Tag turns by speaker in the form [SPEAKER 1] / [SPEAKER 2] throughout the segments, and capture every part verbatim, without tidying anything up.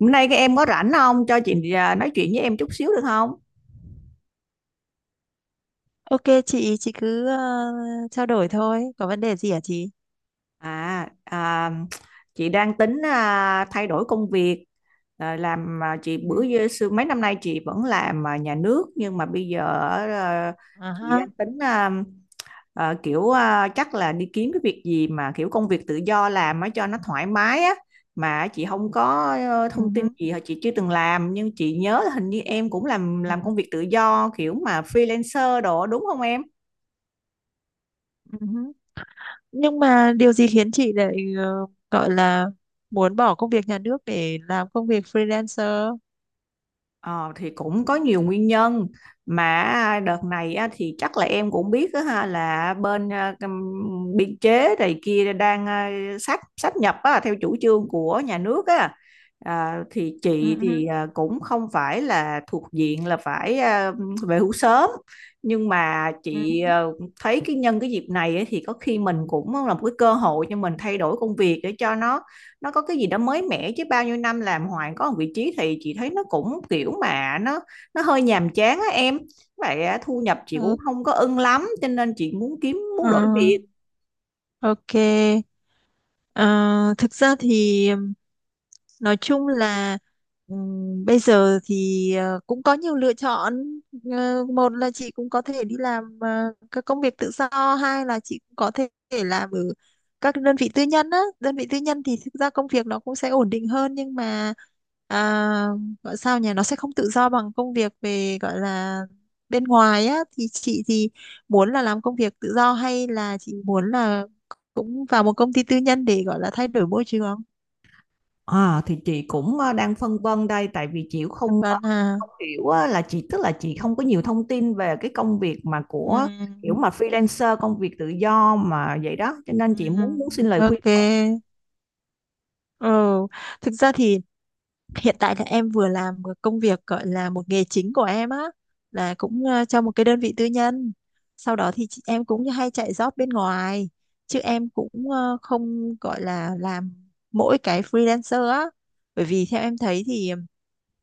[SPEAKER 1] Hôm nay các em có rảnh không? Cho chị à, nói chuyện với em chút xíu được không?
[SPEAKER 2] Ok chị, chị cứ ờ, trao đổi thôi. Có vấn đề gì hả chị?
[SPEAKER 1] À, à chị đang tính à, thay đổi công việc. À, làm à, chị bữa
[SPEAKER 2] Ừ.
[SPEAKER 1] giờ- xưa mấy năm nay chị vẫn làm à, nhà nước nhưng mà bây giờ à,
[SPEAKER 2] À
[SPEAKER 1] chị
[SPEAKER 2] ha.
[SPEAKER 1] đang tính à, à, kiểu à, chắc là đi kiếm cái việc gì mà kiểu công việc tự do làm á cho nó thoải mái á mà chị không có ờ,
[SPEAKER 2] Ừ
[SPEAKER 1] thông tin
[SPEAKER 2] hứ.
[SPEAKER 1] gì hoặc chị chưa từng làm nhưng chị nhớ là hình như em cũng làm
[SPEAKER 2] Ừ.
[SPEAKER 1] làm công việc tự do kiểu mà freelancer đồ đúng không em?
[SPEAKER 2] Ừ hứ. Nhưng mà điều gì khiến chị lại ờ, gọi là muốn bỏ công việc nhà nước để làm công việc freelancer?
[SPEAKER 1] Ờ, thì cũng có nhiều nguyên nhân mà đợt này á, thì chắc là em cũng biết đó, ha, là bên à, ừm, biên chế này kia đang à, sát sát nhập á, theo chủ trương của nhà nước á. À, thì
[SPEAKER 2] Ừ,
[SPEAKER 1] chị
[SPEAKER 2] ừ.
[SPEAKER 1] thì à, cũng không phải là thuộc diện là phải à, về hưu sớm nhưng mà
[SPEAKER 2] Ừ
[SPEAKER 1] chị
[SPEAKER 2] hứ.
[SPEAKER 1] à, thấy cái nhân cái dịp này ấy, thì có khi mình cũng là một cái cơ hội cho mình thay đổi công việc để cho nó nó có cái gì đó mới mẻ chứ bao nhiêu năm làm hoài có một vị trí thì chị thấy nó cũng kiểu mà nó nó hơi nhàm chán á em, vậy á, thu nhập chị cũng
[SPEAKER 2] Ừ.
[SPEAKER 1] không có ưng lắm cho nên chị muốn kiếm
[SPEAKER 2] Ờ,
[SPEAKER 1] muốn đổi việc.
[SPEAKER 2] ok. Ờ, Thực ra thì ừm, nói chung là ừm, bây giờ thì ờ, cũng có nhiều lựa chọn. Ờ, một là chị cũng có thể đi làm ờ, các công việc tự do, hai là chị cũng có thể thể làm ở các đơn vị tư nhân á. Đơn vị tư nhân thì thực ra công việc nó cũng sẽ ổn định hơn nhưng mà à, gọi sao nhỉ, nó sẽ không tự do bằng công việc về gọi là bên ngoài á. Thì chị thì muốn là làm công việc tự do hay là chị muốn là cũng vào một công ty tư nhân để gọi là thay đổi môi trường không?
[SPEAKER 1] À, thì chị cũng ờ, đang phân vân đây tại vì chị cũng
[SPEAKER 2] Hoàn
[SPEAKER 1] không ờ,
[SPEAKER 2] toàn à.
[SPEAKER 1] không hiểu á, là chị tức là chị không có nhiều thông tin về cái công việc mà của kiểu
[SPEAKER 2] Ừm.
[SPEAKER 1] mà freelancer công việc tự do mà vậy đó cho nên chị muốn muốn xin
[SPEAKER 2] Ừm,
[SPEAKER 1] lời khuyên
[SPEAKER 2] ok.
[SPEAKER 1] của em.
[SPEAKER 2] Ừ. Thực ra thì hiện tại là em vừa làm một công việc gọi là một nghề chính của em á là cũng ờ, cho một cái đơn vị tư nhân, sau đó thì chị, em cũng hay chạy job bên ngoài, chứ em cũng ờ, không gọi là làm mỗi cái freelancer á, bởi vì theo em thấy thì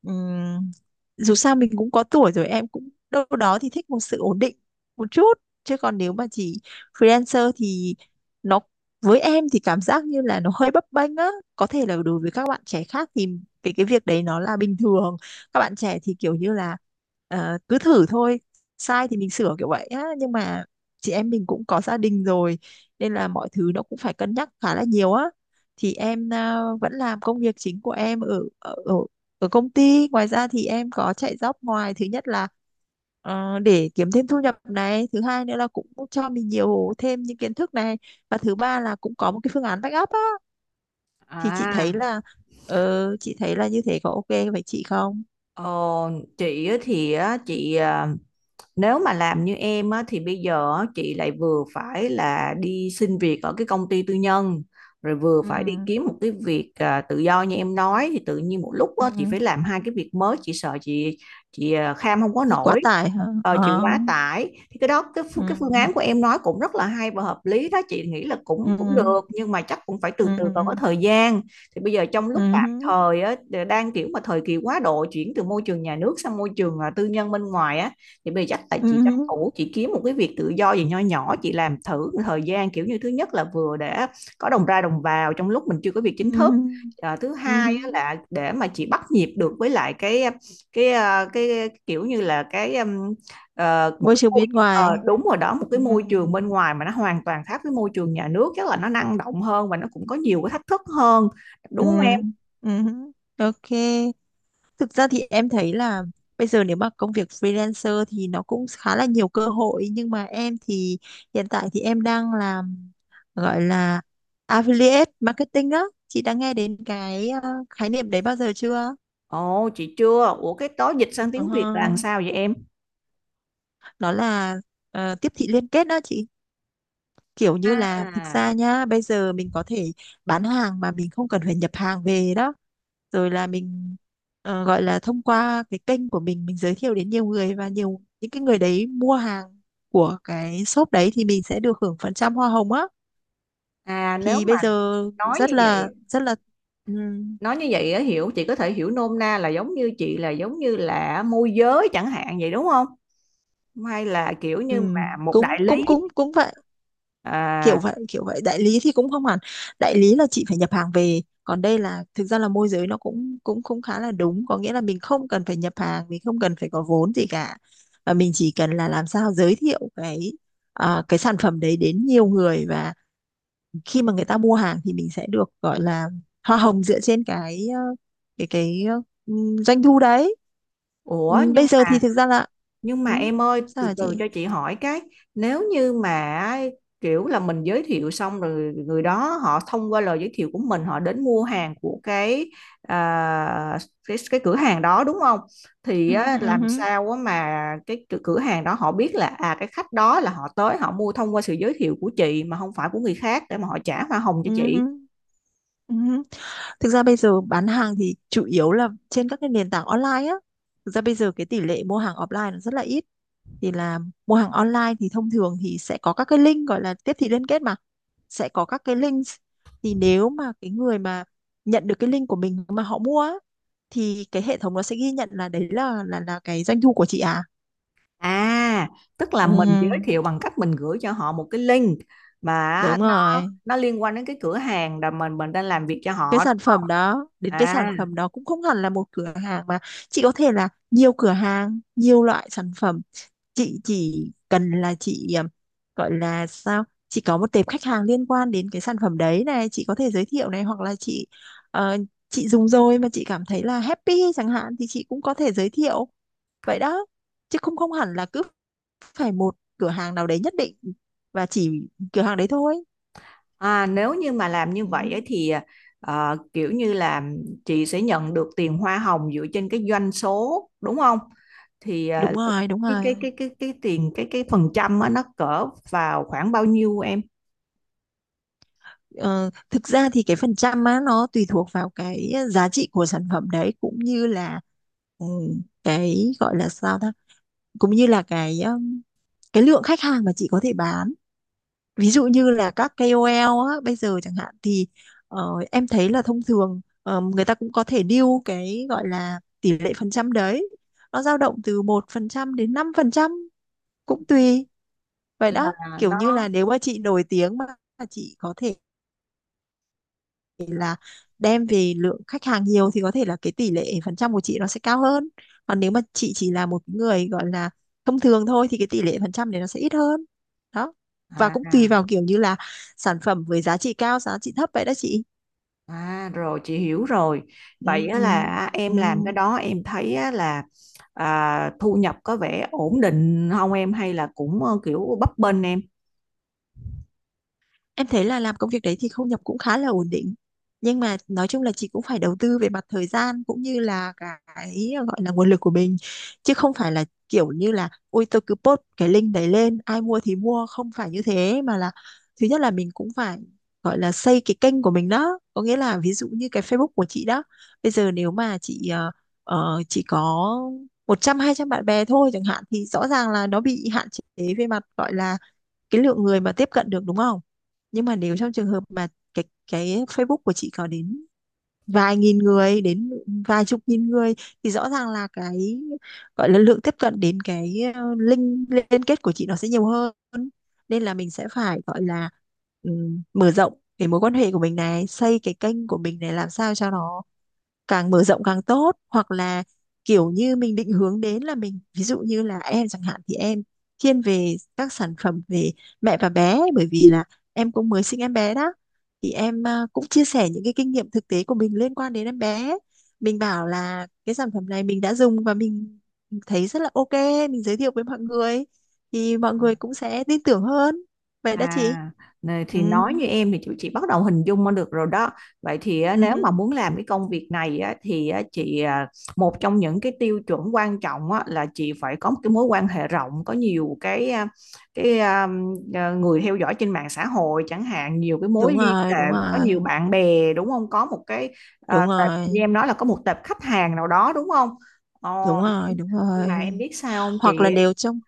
[SPEAKER 2] ừm, dù sao mình cũng có tuổi rồi, em cũng đâu đó thì thích một sự ổn định một chút. Chứ còn nếu mà chỉ freelancer thì nó với em thì cảm giác như là nó hơi bấp bênh á. Có thể là đối với các bạn trẻ khác thì cái cái việc đấy nó là bình thường, các bạn trẻ thì kiểu như là ờ, cứ thử thôi, sai thì mình sửa kiểu vậy á. Nhưng mà chị em mình cũng có gia đình rồi, nên là mọi thứ nó cũng phải cân nhắc khá là nhiều á. Thì em ờ, vẫn làm công việc chính của em ở ở, ở ở công ty, ngoài ra thì em có chạy job ngoài. Thứ nhất là ờ, để kiếm thêm thu nhập này, thứ hai nữa là cũng cho mình nhiều thêm những kiến thức này, và thứ ba là cũng có một cái phương án backup á. Thì chị
[SPEAKER 1] À,
[SPEAKER 2] thấy là ờ, chị thấy là như thế có ok với chị không?
[SPEAKER 1] ờ, chị á thì á, chị à, nếu mà làm như em á, thì bây giờ á, chị lại vừa phải là đi xin việc ở cái công ty tư nhân rồi vừa
[SPEAKER 2] Ừ,
[SPEAKER 1] phải đi kiếm một cái việc à, tự do như em nói thì tự nhiên một lúc
[SPEAKER 2] ừ,
[SPEAKER 1] á, chị phải làm hai cái việc mới chị sợ chị chị à, kham không có
[SPEAKER 2] thì quá
[SPEAKER 1] nổi.
[SPEAKER 2] tải hả?
[SPEAKER 1] Ờ, chị
[SPEAKER 2] Ờ.
[SPEAKER 1] quá tải thì cái đó cái phu- cái phương
[SPEAKER 2] Ừ,
[SPEAKER 1] án của em nói cũng rất là hay và hợp lý đó chị nghĩ là cũng
[SPEAKER 2] ừ,
[SPEAKER 1] cũng được nhưng mà chắc cũng phải từ từ còn có
[SPEAKER 2] ừ,
[SPEAKER 1] thời gian. Thì bây giờ trong lúc tạm
[SPEAKER 2] ừ,
[SPEAKER 1] thời á, đang kiểu mà thời kỳ quá độ chuyển từ môi trường nhà nước sang môi trường à, tư nhân bên ngoài á thì bây giờ chắc là chị tranh
[SPEAKER 2] ừ,
[SPEAKER 1] thủ chị kiếm một cái việc tự do gì nho nhỏ chị làm thử thời gian kiểu như thứ nhất là vừa để có đồng ra đồng vào trong lúc mình chưa có việc
[SPEAKER 2] ừ,
[SPEAKER 1] chính thức. À, thứ
[SPEAKER 2] ừ.
[SPEAKER 1] hai á là để mà chị bắt nhịp được với lại cái cái à, cái kiểu như là cái um, ờ, một
[SPEAKER 2] Môi
[SPEAKER 1] cái
[SPEAKER 2] trường
[SPEAKER 1] môi,
[SPEAKER 2] bên ngoài.
[SPEAKER 1] ờ, đúng rồi đó, một cái
[SPEAKER 2] Ừ,
[SPEAKER 1] môi trường bên ngoài mà nó hoàn toàn khác với môi trường nhà nước chắc là nó năng động hơn và nó cũng có nhiều cái thách thức hơn
[SPEAKER 2] ừ,
[SPEAKER 1] đúng không em?
[SPEAKER 2] ừ, ok. Thực ra thì em thấy là bây giờ nếu mà công việc freelancer thì nó cũng khá là nhiều cơ hội, nhưng mà em thì hiện tại thì em đang làm gọi là affiliate marketing á. Chị đã nghe đến cái ờ, khái niệm đấy bao giờ chưa?
[SPEAKER 1] Ồ chị chưa, ủa cái đó dịch sang tiếng Việt là làm
[SPEAKER 2] Ờ,
[SPEAKER 1] sao vậy em?
[SPEAKER 2] nó là ờ, tiếp thị liên kết đó chị. Kiểu như là thực ra
[SPEAKER 1] À,
[SPEAKER 2] nhá, bây giờ mình có thể bán hàng mà mình không cần phải nhập hàng về đó, rồi là mình ờ, gọi là thông qua cái kênh của mình mình giới thiệu đến nhiều người, và nhiều những cái người đấy mua hàng của cái shop đấy thì mình sẽ được hưởng phần trăm hoa hồng á.
[SPEAKER 1] à, nếu
[SPEAKER 2] Thì
[SPEAKER 1] mà
[SPEAKER 2] bây giờ
[SPEAKER 1] nói
[SPEAKER 2] rất
[SPEAKER 1] như
[SPEAKER 2] là
[SPEAKER 1] vậy
[SPEAKER 2] rất là ừm,
[SPEAKER 1] nói như vậy á, hiểu chị có thể hiểu nôm na là giống như chị là giống như là môi giới chẳng hạn vậy đúng không, hay là kiểu như
[SPEAKER 2] ừm,
[SPEAKER 1] mà một
[SPEAKER 2] cũng
[SPEAKER 1] đại lý?
[SPEAKER 2] cũng cũng cũng vậy.
[SPEAKER 1] À,
[SPEAKER 2] Kiểu vậy kiểu vậy. Đại lý thì cũng không hẳn, đại lý là chị phải nhập hàng về, còn đây là thực ra là môi giới, nó cũng cũng cũng khá là đúng. Có nghĩa là mình không cần phải nhập hàng, mình không cần phải có vốn gì cả, và mình chỉ cần là làm sao giới thiệu cái à, cái sản phẩm đấy đến nhiều người, và khi mà người ta mua hàng thì mình sẽ được gọi là hoa hồng dựa trên cái ờ, cái cái ờ, ừm, doanh thu đấy.
[SPEAKER 1] ủa
[SPEAKER 2] Ừm,
[SPEAKER 1] nhưng
[SPEAKER 2] bây giờ thì
[SPEAKER 1] mà,
[SPEAKER 2] thực ra là
[SPEAKER 1] nhưng mà
[SPEAKER 2] ừm,
[SPEAKER 1] em ơi,
[SPEAKER 2] sao
[SPEAKER 1] từ
[SPEAKER 2] hả
[SPEAKER 1] từ
[SPEAKER 2] chị?
[SPEAKER 1] cho chị hỏi cái, nếu như mà kiểu là mình giới thiệu xong rồi người đó họ thông qua lời giới thiệu của mình họ đến mua hàng của cái à, cái, cái cửa hàng đó đúng không? Thì
[SPEAKER 2] Ừm,
[SPEAKER 1] á,
[SPEAKER 2] ừm,
[SPEAKER 1] làm
[SPEAKER 2] ừm,
[SPEAKER 1] sao á mà cái cửa cửa hàng đó họ biết là à cái khách đó là họ tới họ mua thông qua sự giới thiệu của chị mà không phải của người khác để mà họ trả hoa hồng cho chị.
[SPEAKER 2] ừm, ừm. Thực ra bây giờ bán hàng thì chủ yếu là trên các cái nền tảng online á. Thực ra bây giờ cái tỷ lệ mua hàng offline nó rất là ít. Thì là mua hàng online thì thông thường thì sẽ có các cái link gọi là tiếp thị liên kết mà. Sẽ có các cái links. Thì nếu mà cái người mà nhận được cái link của mình mà họ mua á, thì cái hệ thống nó sẽ ghi nhận là đấy là là là cái doanh thu của chị à.
[SPEAKER 1] À, tức là mình giới
[SPEAKER 2] Ừ,
[SPEAKER 1] thiệu bằng cách mình gửi cho họ một cái link mà
[SPEAKER 2] đúng
[SPEAKER 1] nó
[SPEAKER 2] rồi.
[SPEAKER 1] nó liên quan đến cái cửa hàng là mình mình đang làm việc cho
[SPEAKER 2] Cái
[SPEAKER 1] họ đúng
[SPEAKER 2] sản
[SPEAKER 1] không?
[SPEAKER 2] phẩm đó, đến cái sản
[SPEAKER 1] À,
[SPEAKER 2] phẩm đó cũng không hẳn là một cửa hàng, mà chị có thể là nhiều cửa hàng, nhiều loại sản phẩm. Chị chỉ cần là chị ờ, gọi là sao, chị có một tệp khách hàng liên quan đến cái sản phẩm đấy này, chị có thể giới thiệu này, hoặc là chị ờ, chị dùng rồi mà chị cảm thấy là happy chẳng hạn thì chị cũng có thể giới thiệu, vậy đó. Chứ không không hẳn là cứ phải một cửa hàng nào đấy nhất định và chỉ cửa hàng đấy thôi.
[SPEAKER 1] à nếu như mà làm như
[SPEAKER 2] Ừ,
[SPEAKER 1] vậy ấy thì ờ, kiểu như là chị sẽ nhận được tiền hoa hồng dựa trên cái doanh số đúng không? Thì
[SPEAKER 2] đúng
[SPEAKER 1] ờ,
[SPEAKER 2] rồi đúng
[SPEAKER 1] cái cái
[SPEAKER 2] rồi.
[SPEAKER 1] cái cái cái tiền cái cái phần trăm á, nó cỡ vào khoảng bao nhiêu em?
[SPEAKER 2] Ờ, thực ra thì cái phần trăm á nó tùy thuộc vào cái giá trị của sản phẩm đấy, cũng như là ừ, cái gọi là sao ta, cũng như là cái um, cái lượng khách hàng mà chị có thể bán. Ví dụ như là các kê âu eo á, bây giờ chẳng hạn thì ờ, em thấy là thông thường ờ, người ta cũng có thể deal cái gọi là tỷ lệ phần trăm đấy, nó dao động từ một phần trăm đến năm phần trăm. Cũng tùy, vậy đó.
[SPEAKER 1] À,
[SPEAKER 2] Kiểu như là
[SPEAKER 1] nó
[SPEAKER 2] nếu mà chị nổi tiếng mà chị có thể thể là đem về lượng khách hàng nhiều thì có thể là cái tỷ lệ phần trăm của chị nó sẽ cao hơn. Còn nếu mà chị chỉ là một người gọi là thông thường thôi thì cái tỷ lệ phần trăm đấy nó sẽ ít hơn đó. Và
[SPEAKER 1] à
[SPEAKER 2] cũng tùy
[SPEAKER 1] à.
[SPEAKER 2] vào kiểu như là sản phẩm với giá trị cao giá trị thấp, vậy đó chị.
[SPEAKER 1] À rồi chị hiểu rồi.
[SPEAKER 2] Ừ,
[SPEAKER 1] Vậy á là em
[SPEAKER 2] ừ.
[SPEAKER 1] làm cái đó em thấy á là à, thu nhập có vẻ ổn định không em hay là cũng ờ, kiểu bấp bênh em?
[SPEAKER 2] Em thấy là làm công việc đấy thì thu nhập cũng khá là ổn định. Nhưng mà nói chung là chị cũng phải đầu tư về mặt thời gian cũng như là cái ờ, gọi là nguồn lực của mình. Chứ không phải là kiểu như là ôi tôi cứ post cái link đấy lên, ai mua thì mua, không phải như thế, mà là thứ nhất là mình cũng phải gọi là xây cái kênh của mình đó. Có nghĩa là ví dụ như cái Facebook của chị đó. Bây giờ nếu mà chị ờ, ờ, chỉ có một trăm hai trăm bạn bè thôi chẳng hạn thì rõ ràng là nó bị hạn chế về mặt gọi là cái lượng người mà tiếp cận được đúng không? Nhưng mà nếu trong trường hợp mà cái cái Facebook của chị có đến vài nghìn người đến vài chục nghìn người, thì rõ ràng là cái gọi là lượng tiếp cận đến cái ờ, link liên kết của chị nó sẽ nhiều hơn. Nên là mình sẽ phải gọi là ừm, mở rộng cái mối quan hệ của mình này, xây cái kênh của mình này, làm sao cho nó càng mở rộng càng tốt, hoặc là kiểu như mình định hướng đến là mình, ví dụ như là em chẳng hạn thì em thiên về các sản phẩm về mẹ và bé, bởi vì là em cũng mới sinh em bé đó, thì em à, cũng chia sẻ những cái kinh nghiệm thực tế của mình liên quan đến em bé, mình bảo là cái sản phẩm này mình đã dùng và mình thấy rất là ok, mình giới thiệu với mọi người thì mọi người cũng sẽ tin tưởng hơn, vậy đó chị.
[SPEAKER 1] À, nè,
[SPEAKER 2] Ừ,
[SPEAKER 1] thì nói như em thì chị, chị bắt đầu hình dung ra được rồi đó. Vậy thì á, nếu
[SPEAKER 2] ừ,
[SPEAKER 1] mà muốn làm cái công việc này á, thì á, chị à, một trong những cái tiêu chuẩn quan trọng á, là chị phải có một cái mối quan hệ rộng, có nhiều cái à, cái à, à, người theo dõi trên mạng xã hội chẳng hạn, nhiều cái mối
[SPEAKER 2] đúng
[SPEAKER 1] liên
[SPEAKER 2] rồi
[SPEAKER 1] hệ,
[SPEAKER 2] đúng
[SPEAKER 1] có
[SPEAKER 2] rồi
[SPEAKER 1] nhiều bạn bè đúng không? Có một cái à,
[SPEAKER 2] đúng
[SPEAKER 1] tệp, như
[SPEAKER 2] rồi
[SPEAKER 1] em nói là có một tệp khách hàng nào đó đúng không? Ờ,
[SPEAKER 2] đúng rồi đúng
[SPEAKER 1] nhưng mà
[SPEAKER 2] rồi.
[SPEAKER 1] em biết sao không chị,
[SPEAKER 2] Hoặc là đều trong.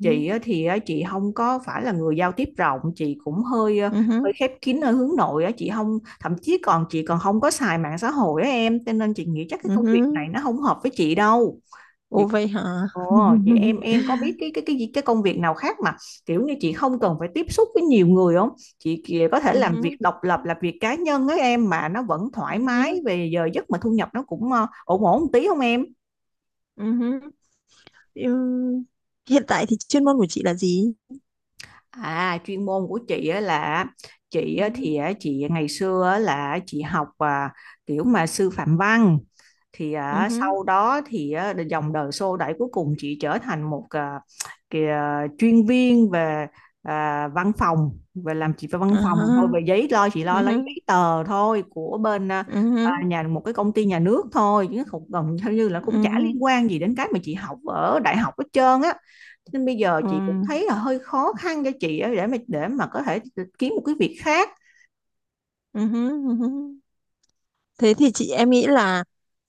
[SPEAKER 2] Ừ.
[SPEAKER 1] chị thì chị không có phải là người giao tiếp rộng chị cũng hơi ờ,
[SPEAKER 2] Ừ hứ,
[SPEAKER 1] hơi khép kín ở hướng nội á chị không, thậm chí còn chị còn không có xài mạng xã hội á em cho nên chị nghĩ chắc cái
[SPEAKER 2] ừ
[SPEAKER 1] công việc
[SPEAKER 2] hứ.
[SPEAKER 1] này nó không hợp với chị đâu chị.
[SPEAKER 2] Ủa vậy hả?
[SPEAKER 1] Ồ vậy em em có biết cái cái cái gì- cái công việc nào khác mà kiểu như chị không cần phải tiếp xúc với nhiều người không, chị kìa có thể
[SPEAKER 2] Ừ
[SPEAKER 1] làm việc
[SPEAKER 2] hứ,
[SPEAKER 1] độc lập làm việc cá nhân á em mà nó vẫn
[SPEAKER 2] ừ
[SPEAKER 1] thoải mái
[SPEAKER 2] hứ,
[SPEAKER 1] về giờ giấc mà thu nhập nó cũng ờ, ổn ổn một tí không em?
[SPEAKER 2] ừ hứ. Ừ, hiện tại thì chuyên môn của chị là gì?
[SPEAKER 1] À, chuyên môn của chị á là chị
[SPEAKER 2] Ừ
[SPEAKER 1] á
[SPEAKER 2] hứ,
[SPEAKER 1] thì á, chị ngày xưa á là chị học à, kiểu mà sư phạm văn thì
[SPEAKER 2] ừ
[SPEAKER 1] à,
[SPEAKER 2] hứ,
[SPEAKER 1] sau đó thì à, dòng đời xô đẩy cuối cùng chị trở thành một à, kìa, chuyên viên về à, văn phòng về làm chị về văn
[SPEAKER 2] à
[SPEAKER 1] phòng thôi
[SPEAKER 2] ha,
[SPEAKER 1] về giấy lo chị lo
[SPEAKER 2] ừ
[SPEAKER 1] lấy
[SPEAKER 2] hứ,
[SPEAKER 1] giấy tờ thôi của bên à,
[SPEAKER 2] ừ hứ,
[SPEAKER 1] là nhà một cái công ty nhà nước thôi chứ không gần theo như là cũng
[SPEAKER 2] ừ
[SPEAKER 1] chả
[SPEAKER 2] hứ,
[SPEAKER 1] liên quan gì đến cái mà chị học ở đại học hết trơn á nên bây giờ
[SPEAKER 2] ừ,
[SPEAKER 1] chị cũng thấy là hơi khó khăn cho chị để mà để mà có thể kiếm một cái việc khác.
[SPEAKER 2] ừ hứ, ừ hứ. Thế thì chị em nghĩ là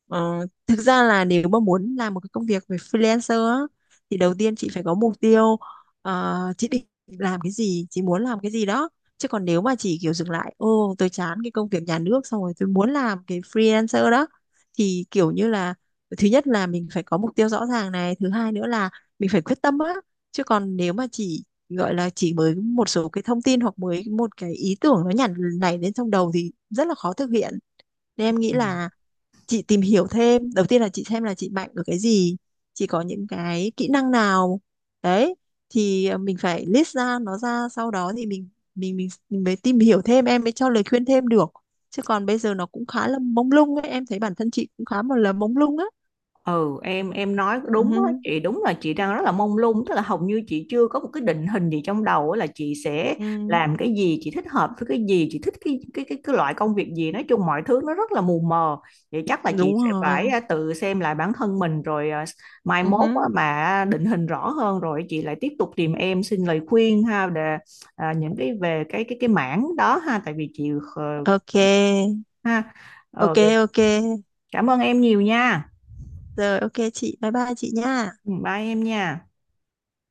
[SPEAKER 2] ờ, thực ra là nếu mà muốn làm một cái công việc về freelancer á, thì đầu tiên chị phải có mục tiêu, ờ, chị định làm cái gì, chị muốn làm cái gì đó. Chứ còn nếu mà chỉ kiểu dừng lại, ô tôi chán cái công việc nhà nước xong rồi tôi muốn làm cái freelancer đó, thì kiểu như là thứ nhất là mình phải có mục tiêu rõ ràng này, thứ hai nữa là mình phải quyết tâm á. Chứ còn nếu mà chỉ gọi là chỉ mới một số cái thông tin hoặc mới một cái ý tưởng nó nhảy nảy lên trong đầu thì rất là khó thực hiện. Nên em nghĩ
[SPEAKER 1] Ừ.
[SPEAKER 2] là chị tìm hiểu thêm, đầu tiên là chị xem là chị mạnh ở cái gì, chị có những cái kỹ năng nào. Đấy, thì ờ, mình phải list ra nó ra, sau đó thì mình mình mình, mình mới tìm hiểu thêm, em mới cho lời khuyên thêm được. Chứ còn bây giờ nó cũng khá là mông lung ấy, em thấy bản thân chị cũng khá một là mông lung á.
[SPEAKER 1] Ừ em em nói
[SPEAKER 2] Ừ,
[SPEAKER 1] đúng á chị, đúng là chị đang rất là mông lung tức là hầu như chị chưa có một cái định hình gì trong đầu á, là chị sẽ
[SPEAKER 2] ừ,
[SPEAKER 1] làm cái gì chị thích hợp với cái gì chị thích cái cái cái, cái loại công việc gì nói chung mọi thứ nó rất là mù mờ. Vậy chắc là chị
[SPEAKER 2] đúng
[SPEAKER 1] sẽ phải
[SPEAKER 2] rồi.
[SPEAKER 1] à, tự xem lại bản thân mình rồi à, mai
[SPEAKER 2] Ừ,
[SPEAKER 1] mốt á, mà à, định hình rõ hơn rồi chị lại tiếp tục tìm em xin lời khuyên ha để à, những cái về cái cái cái mảng đó ha tại vì chị ờ,
[SPEAKER 2] ok.
[SPEAKER 1] ha, ờ,
[SPEAKER 2] Ok ok.
[SPEAKER 1] cảm ơn em nhiều nha.
[SPEAKER 2] Rồi ok chị, bye bye chị nha.
[SPEAKER 1] Ừ, bye em nha.